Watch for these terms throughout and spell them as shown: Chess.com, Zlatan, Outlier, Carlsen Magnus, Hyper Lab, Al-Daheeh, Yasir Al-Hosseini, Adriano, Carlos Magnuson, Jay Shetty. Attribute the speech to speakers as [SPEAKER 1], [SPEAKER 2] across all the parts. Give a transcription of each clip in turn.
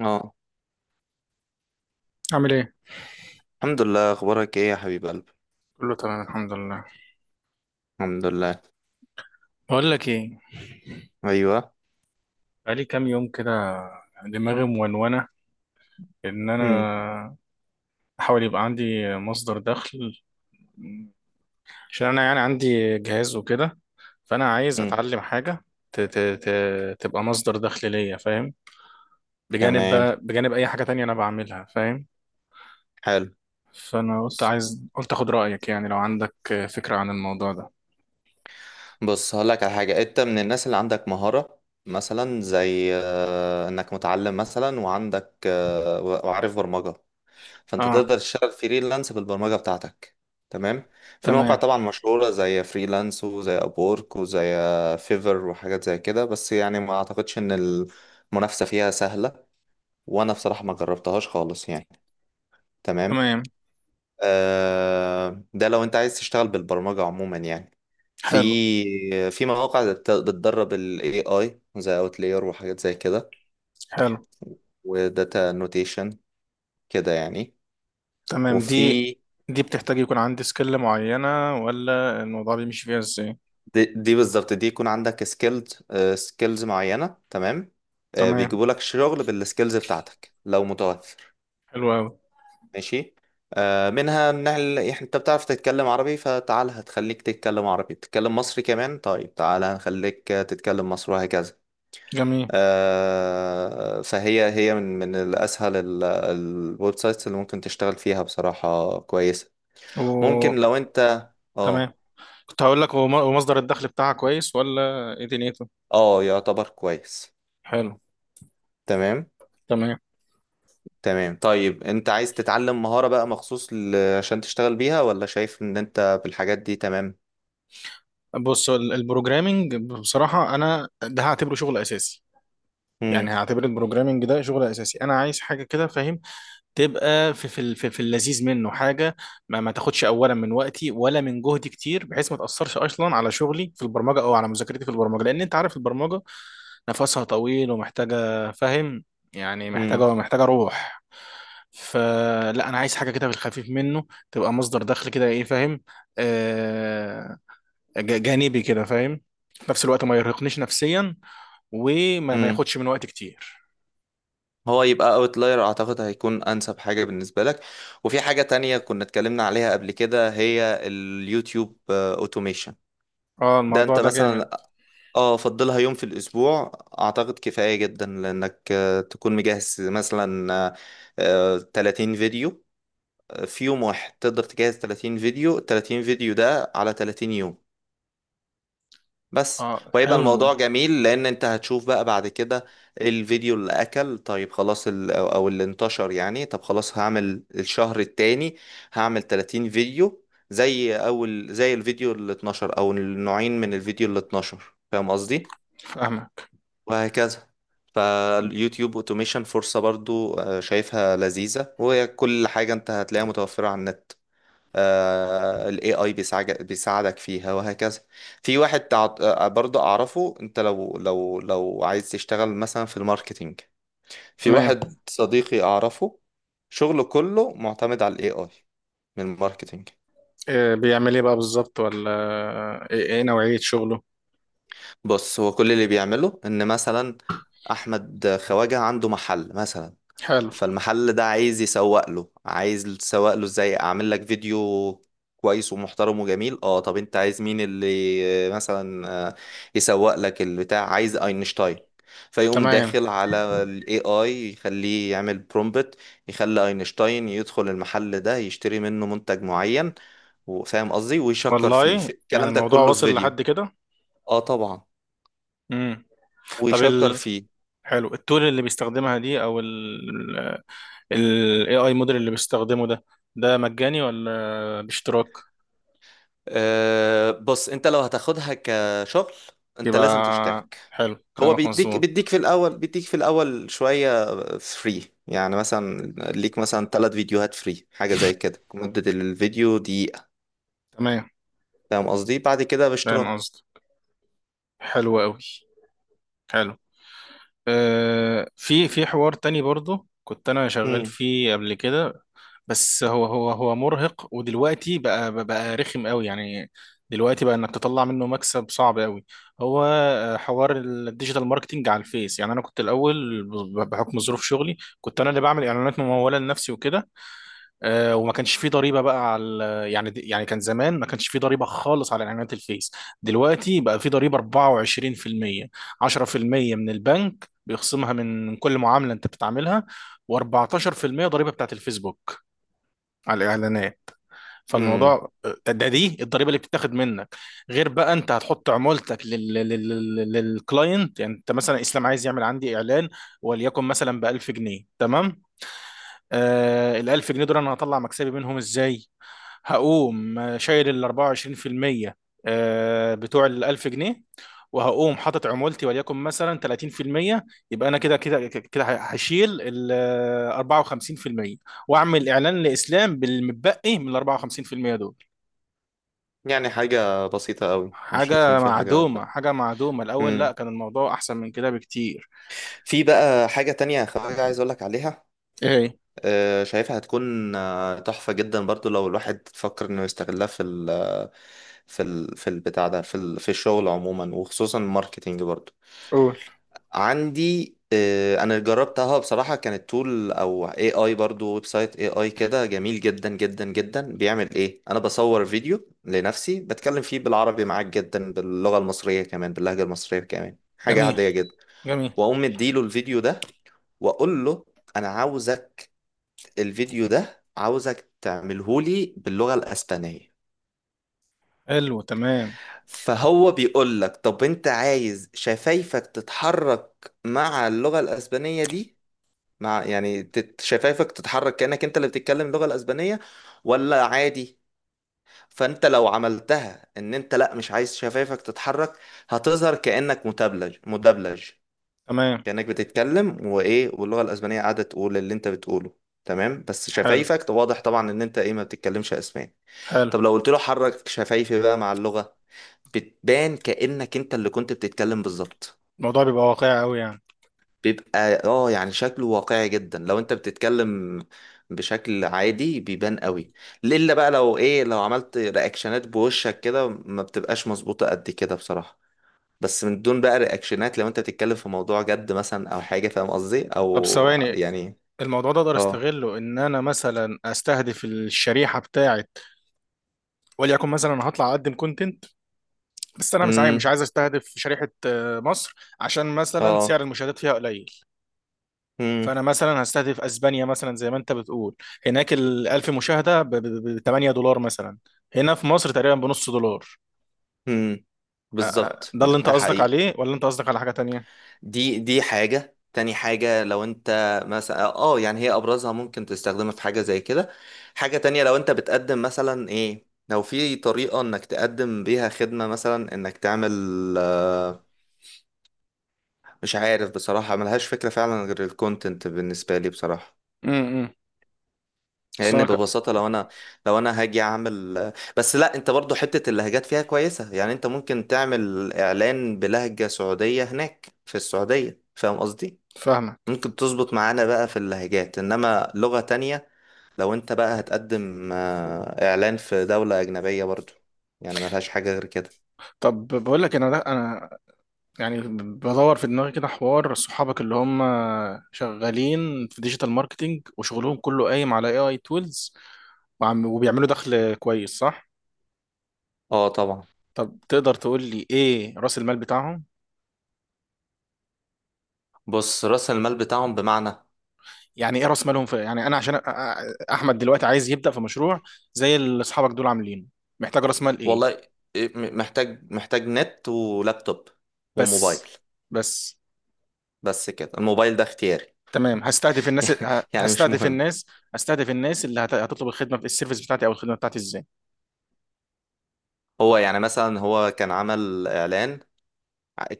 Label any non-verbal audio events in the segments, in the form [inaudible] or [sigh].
[SPEAKER 1] اه.
[SPEAKER 2] عامل ايه؟
[SPEAKER 1] الحمد لله، اخبارك ايه يا حبيب قلبي؟
[SPEAKER 2] كله تمام الحمد لله.
[SPEAKER 1] الحمد لله.
[SPEAKER 2] بقول لك ايه،
[SPEAKER 1] ايوه.
[SPEAKER 2] بقالي كام يوم كده دماغي مونونه، ان
[SPEAKER 1] هم.
[SPEAKER 2] انا احاول يبقى عندي مصدر دخل، عشان انا يعني عندي جهاز وكده، فانا عايز
[SPEAKER 1] هم.
[SPEAKER 2] اتعلم حاجه ت ت ت تبقى مصدر دخل ليا، فاهم؟
[SPEAKER 1] تمام.
[SPEAKER 2] بجانب اي حاجه تانية انا بعملها، فاهم؟
[SPEAKER 1] حلو.
[SPEAKER 2] فانا قلت اخد رايك يعني لو عندك فكره عن الموضوع ده.
[SPEAKER 1] بص هقول لك على حاجه، انت من الناس اللي عندك مهاره. مثلا زي انك متعلم مثلا، وعندك وعارف برمجه. فانت
[SPEAKER 2] اه،
[SPEAKER 1] تقدر تشتغل فريلانس بالبرمجه بتاعتك. تمام. في مواقع
[SPEAKER 2] تمام
[SPEAKER 1] طبعا مشهوره، زي فريلانس وزي ابورك وزي فيفر، وحاجات زي كده، بس يعني ما اعتقدش ان المنافسه فيها سهله. وانا بصراحه ما جربتهاش خالص يعني. تمام.
[SPEAKER 2] تمام.
[SPEAKER 1] ده لو انت عايز تشتغل بالبرمجة عموما يعني،
[SPEAKER 2] حلو
[SPEAKER 1] في في مواقع بتدرب ال AI زي Outlier وحاجات زي كده،
[SPEAKER 2] حلو.
[SPEAKER 1] وداتا نوتيشن كده يعني.
[SPEAKER 2] تمام، دي
[SPEAKER 1] وفي
[SPEAKER 2] دي بتحتاج يكون عندي سكيل معينة ولا الموضوع بيمشي فيها ازاي؟
[SPEAKER 1] دي بالظبط، دي يكون عندك سكيلز معينة. تمام.
[SPEAKER 2] تمام،
[SPEAKER 1] بيجيبوا لك شغل بالسكيلز بتاعتك لو متوفر.
[SPEAKER 2] حلو أوي.
[SPEAKER 1] ماشي. منها ان انت بتعرف تتكلم عربي، فتعال هتخليك تتكلم عربي، تتكلم مصري كمان. طيب تعال هنخليك تتكلم مصري، وهكذا.
[SPEAKER 2] جميل.
[SPEAKER 1] فهي من الأسهل الويب سايتس اللي ممكن تشتغل فيها، بصراحة كويسة. ممكن
[SPEAKER 2] و
[SPEAKER 1] لو أنت.
[SPEAKER 2] تمام.
[SPEAKER 1] اه.
[SPEAKER 2] كنت هقول لك هو هو مصدر الدخل بتاعها كويس ولا ايه دنيته؟
[SPEAKER 1] اه، يعتبر كويس.
[SPEAKER 2] حلو.
[SPEAKER 1] تمام.
[SPEAKER 2] تمام.
[SPEAKER 1] تمام. طيب أنت عايز تتعلم مهارة بقى مخصوص عشان تشتغل بيها، ولا شايف إن أنت بالحاجات دي تمام؟
[SPEAKER 2] بص البروجرامينج بصراحة أنا ده هعتبره شغل أساسي. يعني
[SPEAKER 1] مم.
[SPEAKER 2] هعتبر البروجرامينج ده شغل أساسي، أنا عايز حاجة كده، فاهم؟ تبقى في في ال- في في اللذيذ منه حاجه ما تاخدش اولا من وقتي ولا من جهدي كتير، بحيث ما تاثرش اصلا على شغلي في البرمجه او على مذاكرتي في البرمجه، لان انت عارف البرمجه نفسها طويل ومحتاجه، فاهم؟ يعني
[SPEAKER 1] مم.
[SPEAKER 2] محتاجه روح. فلا انا عايز حاجه كده في الخفيف منه، تبقى مصدر دخل كده، ايه، فاهم؟ آه جانبي كده، فاهم؟ في نفس الوقت ما يرهقنيش نفسيا، وما ما
[SPEAKER 1] مم.
[SPEAKER 2] ياخدش من وقت كتير.
[SPEAKER 1] هو يبقى اوتلاير، اعتقد هيكون انسب حاجة بالنسبة لك. وفي حاجة تانية كنا اتكلمنا عليها قبل كده، هي اليوتيوب اوتوميشن.
[SPEAKER 2] اه،
[SPEAKER 1] ده
[SPEAKER 2] الموضوع
[SPEAKER 1] انت
[SPEAKER 2] ده جامد.
[SPEAKER 1] مثلا اه فضلها يوم في الاسبوع، اعتقد كفاية جدا. لانك تكون مجهز مثلا 30 فيديو. في يوم واحد تقدر تجهز 30 فيديو. 30 فيديو ده على 30 يوم بس.
[SPEAKER 2] اه،
[SPEAKER 1] ويبقى
[SPEAKER 2] حلو.
[SPEAKER 1] الموضوع جميل لان انت هتشوف بقى بعد كده الفيديو اللي اكل. طيب خلاص ال- او أو اللي انتشر يعني. طب خلاص، هعمل الشهر التاني هعمل 30 فيديو، زي اول زي الفيديو اللي 12، او النوعين من الفيديو اللي 12، فاهم قصدي،
[SPEAKER 2] فاهمك.
[SPEAKER 1] وهكذا. فاليوتيوب اوتوميشن فرصة برضو شايفها لذيذة، وهي كل حاجة انت هتلاقيها متوفرة على النت. ال AI بيساعدك فيها وهكذا. في واحد برضو اعرفه، انت لو عايز تشتغل مثلا في الماركتينج. في
[SPEAKER 2] تمام.
[SPEAKER 1] واحد صديقي اعرفه، شغله كله معتمد على ال AI، من الماركتينج.
[SPEAKER 2] بيعمل ايه بقى بالظبط، ولا ايه، إيه نوعية شغله؟
[SPEAKER 1] بص هو كل اللي بيعمله ان مثلا احمد خواجه عنده محل مثلا.
[SPEAKER 2] حلو.
[SPEAKER 1] فالمحل ده عايز يسوق له، عايز تسوق له ازاي؟ اعمل لك فيديو كويس ومحترم وجميل. اه طب انت عايز مين اللي مثلا يسوق لك البتاع؟ عايز اينشتاين. فيقوم
[SPEAKER 2] تمام.
[SPEAKER 1] داخل على الاي اي، يخليه يعمل برومبت. يخلي اينشتاين يدخل المحل ده، يشتري منه منتج معين، وفاهم قصدي، ويشكر فيه
[SPEAKER 2] والله يعني
[SPEAKER 1] الكلام ده
[SPEAKER 2] الموضوع
[SPEAKER 1] كله في
[SPEAKER 2] واصل
[SPEAKER 1] فيديو.
[SPEAKER 2] لحد كده.
[SPEAKER 1] اه طبعا.
[SPEAKER 2] امم طب
[SPEAKER 1] ويشكر فيه.
[SPEAKER 2] حلو، التول اللي بيستخدمها دي او ال AI موديل اللي بيستخدمه ده مجاني ولا باشتراك؟
[SPEAKER 1] أه بص، انت لو هتاخدها كشغل انت
[SPEAKER 2] يبقى
[SPEAKER 1] لازم تشترك.
[SPEAKER 2] حلو،
[SPEAKER 1] هو
[SPEAKER 2] كلامك
[SPEAKER 1] بيديك
[SPEAKER 2] مظبوط.
[SPEAKER 1] في الاول، بيديك في الاول شوية فري، يعني مثلا ليك مثلا 3 فيديوهات فري، حاجة زي كده، مدة الفيديو دقيقة،
[SPEAKER 2] تمام،
[SPEAKER 1] فاهم قصدي. بعد كده
[SPEAKER 2] فاهم
[SPEAKER 1] باشتراك.
[SPEAKER 2] قصدي. حلو قوي. حلو. آه، في حوار تاني برضو كنت انا شغال
[SPEAKER 1] امم.
[SPEAKER 2] فيه قبل كده، بس هو مرهق ودلوقتي بقى رخم قوي يعني. دلوقتي بقى انك تطلع منه مكسب صعب قوي. هو حوار الديجيتال ماركتينج على الفيس. يعني انا كنت الاول بحكم ظروف شغلي كنت انا اللي بعمل اعلانات مموله لنفسي وكده. وما كانش فيه ضريبه بقى على يعني، كان زمان ما كانش فيه ضريبه خالص على اعلانات الفيس. دلوقتي بقى فيه ضريبه 24%، 10% من البنك بيخصمها من كل معامله انت بتعملها، و14% ضريبه بتاعت الفيسبوك على الاعلانات.
[SPEAKER 1] امم.
[SPEAKER 2] فالموضوع دي الضريبه اللي بتتاخد منك. غير بقى انت هتحط عمولتك للكلاينت. يعني انت مثلا اسلام عايز يعمل عندي اعلان، وليكن مثلا ب 1000 جنيه، تمام. آه الألف جنيه دول أنا هطلع مكسبي منهم إزاي؟ هقوم شايل ال 24% بتوع ال 1000 جنيه، وهقوم حاطط عمولتي وليكن مثلا 30%. يبقى أنا كده هشيل ال 54%، وأعمل إعلان لإسلام بالمتبقي من ال 54% دول.
[SPEAKER 1] يعني حاجة بسيطة قوي، مش هيكون
[SPEAKER 2] حاجة
[SPEAKER 1] في حاجة
[SPEAKER 2] معدومة،
[SPEAKER 1] بقى.
[SPEAKER 2] حاجة معدومة. الأول لا،
[SPEAKER 1] امم.
[SPEAKER 2] كان الموضوع أحسن من كده بكتير.
[SPEAKER 1] في بقى حاجة تانية يا خواجة عايز اقولك عليها.
[SPEAKER 2] إيه؟
[SPEAKER 1] شايفها هتكون تحفة جدا برضو، لو الواحد فكر انه يستغلها في ال آه، في ال في البتاع ده، في في الشغل عموما، وخصوصا الماركتينج برضو.
[SPEAKER 2] قول.
[SPEAKER 1] عندي انا جربتها بصراحة. كانت تول او اي اي برضو، ويب سايت اي اي كده، جميل جدا جدا جدا. بيعمل ايه؟ انا بصور فيديو لنفسي بتكلم فيه بالعربي، معاك جدا، باللغة المصرية كمان، باللهجة المصرية كمان، حاجة
[SPEAKER 2] جميل
[SPEAKER 1] عادية جدا.
[SPEAKER 2] جميل.
[SPEAKER 1] واقوم مديله الفيديو ده، واقول له انا عاوزك الفيديو ده عاوزك تعملهولي باللغة الأسبانية.
[SPEAKER 2] حلو. تمام
[SPEAKER 1] فهو بيقول لك طب انت عايز شفايفك تتحرك مع اللغة الأسبانية دي؟ مع يعني شفايفك تتحرك كأنك انت اللي بتتكلم اللغة الأسبانية، ولا عادي؟ فانت لو عملتها ان انت لا مش عايز شفايفك تتحرك، هتظهر كأنك مدبلج مدبلج.
[SPEAKER 2] تمام.
[SPEAKER 1] كأنك بتتكلم وايه، واللغة الأسبانية قاعدة تقول اللي انت بتقوله. تمام، بس
[SPEAKER 2] حلو
[SPEAKER 1] شفايفك واضح طبعا ان انت ايه، ما بتتكلمش اسباني.
[SPEAKER 2] حلو.
[SPEAKER 1] طب لو قلت له حرك شفايفي بقى مع اللغة، بتبان كأنك انت اللي كنت بتتكلم بالظبط.
[SPEAKER 2] الموضوع بيبقى واقعي قوي يعني.
[SPEAKER 1] بيبقى يعني شكله واقعي جدا لو انت بتتكلم بشكل عادي، بيبان قوي. الا بقى لو ايه، لو عملت رياكشنات بوشك كده، ما بتبقاش مظبوطة قد كده بصراحة. بس من دون بقى رياكشنات، لو انت بتتكلم في موضوع جد مثلا او حاجة، فاهم قصدي،
[SPEAKER 2] طب
[SPEAKER 1] او
[SPEAKER 2] ثواني،
[SPEAKER 1] يعني.
[SPEAKER 2] الموضوع ده اقدر
[SPEAKER 1] اه.
[SPEAKER 2] استغله ان انا مثلا استهدف الشريحه بتاعت. وليكن مثلا انا هطلع اقدم كونتنت، بس انا مش عايز مش
[SPEAKER 1] امم.
[SPEAKER 2] عايز استهدف شريحه مصر، عشان مثلا سعر
[SPEAKER 1] اه.
[SPEAKER 2] المشاهدات فيها قليل.
[SPEAKER 1] امم.
[SPEAKER 2] فانا مثلا هستهدف اسبانيا مثلا زي ما انت بتقول، هناك ال 1000 مشاهده ب 8 دولار مثلا، هنا في مصر تقريبا بنص دولار.
[SPEAKER 1] امم. بالظبط،
[SPEAKER 2] ده اللي
[SPEAKER 1] ده
[SPEAKER 2] انت
[SPEAKER 1] ده
[SPEAKER 2] قصدك
[SPEAKER 1] حقيقي.
[SPEAKER 2] عليه ولا انت قصدك على حاجه تانية؟
[SPEAKER 1] دي حاجة تاني. حاجة لو انت مثلا يعني، هي ابرزها ممكن تستخدمها في حاجة زي كده. حاجة تانية لو انت بتقدم مثلا ايه، لو في طريقة انك تقدم بيها خدمة، مثلا انك تعمل آه، مش عارف بصراحة، ملهاش فكرة فعلا غير الكونتنت بالنسبة لي بصراحة.
[SPEAKER 2] أمم. أصل
[SPEAKER 1] لان
[SPEAKER 2] أنا
[SPEAKER 1] ببساطة لو انا هاجي اعمل. بس لا، انت برضو حتة اللهجات فيها كويسة. يعني انت ممكن تعمل اعلان بلهجة سعودية هناك في السعودية، فاهم قصدي؟
[SPEAKER 2] فاهمك.
[SPEAKER 1] ممكن تظبط معانا بقى في اللهجات، انما لغة تانية. لو انت بقى هتقدم اعلان في دولة اجنبية برضو، يعني ملهاش حاجة غير كده.
[SPEAKER 2] طب بقول لك انا ده انا يعني بدور في دماغي كده حوار صحابك اللي هم شغالين في ديجيتال ماركتينج وشغلهم كله قايم على اي اي تولز، وعم وبيعملوا دخل كويس، صح؟
[SPEAKER 1] اه طبعا.
[SPEAKER 2] طب تقدر تقول لي ايه راس المال بتاعهم؟
[SPEAKER 1] بص رأس المال بتاعهم بمعنى.
[SPEAKER 2] يعني ايه راس مالهم في، يعني انا عشان احمد دلوقتي عايز يبدأ في مشروع زي اللي اصحابك دول عاملينه، محتاج راس مال ايه؟
[SPEAKER 1] والله، إيه، محتاج نت ولابتوب
[SPEAKER 2] بس
[SPEAKER 1] وموبايل.
[SPEAKER 2] بس.
[SPEAKER 1] بس كده. الموبايل ده اختياري
[SPEAKER 2] تمام، هستهدف
[SPEAKER 1] [laughs]
[SPEAKER 2] الناس
[SPEAKER 1] يعني،
[SPEAKER 2] ه-
[SPEAKER 1] مش
[SPEAKER 2] هستهدف
[SPEAKER 1] مهم.
[SPEAKER 2] الناس هستهدف الناس اللي هتطلب الخدمة السيرفيس بتاعتي او الخدمة بتاعتي ازاي؟
[SPEAKER 1] هو يعني مثلا، هو كان عمل اعلان.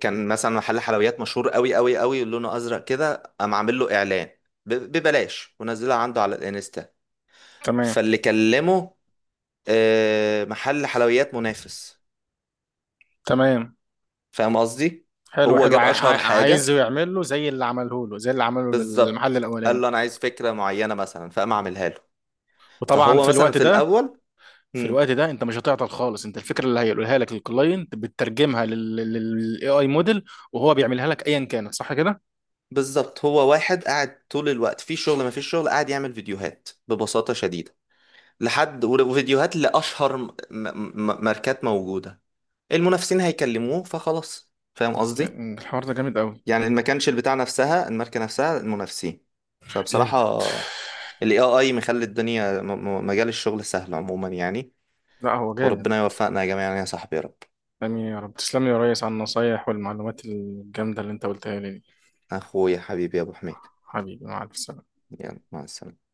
[SPEAKER 1] كان مثلا محل حلويات مشهور قوي قوي قوي، لونه ازرق كده. قام عامل له اعلان ببلاش، ونزلها عنده على الانستا.
[SPEAKER 2] تمام
[SPEAKER 1] فاللي كلمه محل حلويات منافس،
[SPEAKER 2] تمام.
[SPEAKER 1] فاهم قصدي.
[SPEAKER 2] حلو
[SPEAKER 1] هو
[SPEAKER 2] حلو.
[SPEAKER 1] جاب اشهر
[SPEAKER 2] عايزه
[SPEAKER 1] حاجه
[SPEAKER 2] يعمل له زي اللي عمله للمحل
[SPEAKER 1] بالظبط، قال
[SPEAKER 2] الاولاني.
[SPEAKER 1] له انا عايز فكره معينه مثلا، فقام اعملها له.
[SPEAKER 2] وطبعا
[SPEAKER 1] فهو
[SPEAKER 2] في
[SPEAKER 1] مثلا
[SPEAKER 2] الوقت
[SPEAKER 1] في
[SPEAKER 2] ده
[SPEAKER 1] الاول.
[SPEAKER 2] في
[SPEAKER 1] مم.
[SPEAKER 2] الوقت ده انت مش هتعطل خالص، انت الفكره اللي هيقولها لك للكلاينت بتترجمها للاي اي موديل وهو بيعملها لك ايا كانت، صح كده.
[SPEAKER 1] بالظبط، هو واحد قاعد طول الوقت في شغل، ما فيش شغل، قاعد يعمل فيديوهات ببساطه شديده. لحد وفيديوهات لاشهر ماركات موجوده. المنافسين هيكلموه فخلاص، فاهم قصدي.
[SPEAKER 2] يعني الحوار ده جامد قوي.
[SPEAKER 1] يعني ما كانش البتاع نفسها، الماركة نفسها، المنافسين.
[SPEAKER 2] جامد.
[SPEAKER 1] فبصراحة ال AI مخلي الدنيا مجال الشغل سهل عموما يعني.
[SPEAKER 2] لا، هو جامد.
[SPEAKER 1] وربنا يوفقنا يا جماعة يعني، يا صاحبي، يا رب.
[SPEAKER 2] امين يا رب، تسلم لي يا ريس على النصايح والمعلومات الجامده اللي انت قلتها لي دي.
[SPEAKER 1] أخويا حبيبي يا أبو حميد.
[SPEAKER 2] حبيبي، مع الف سلامه.
[SPEAKER 1] يلا مع السلامة.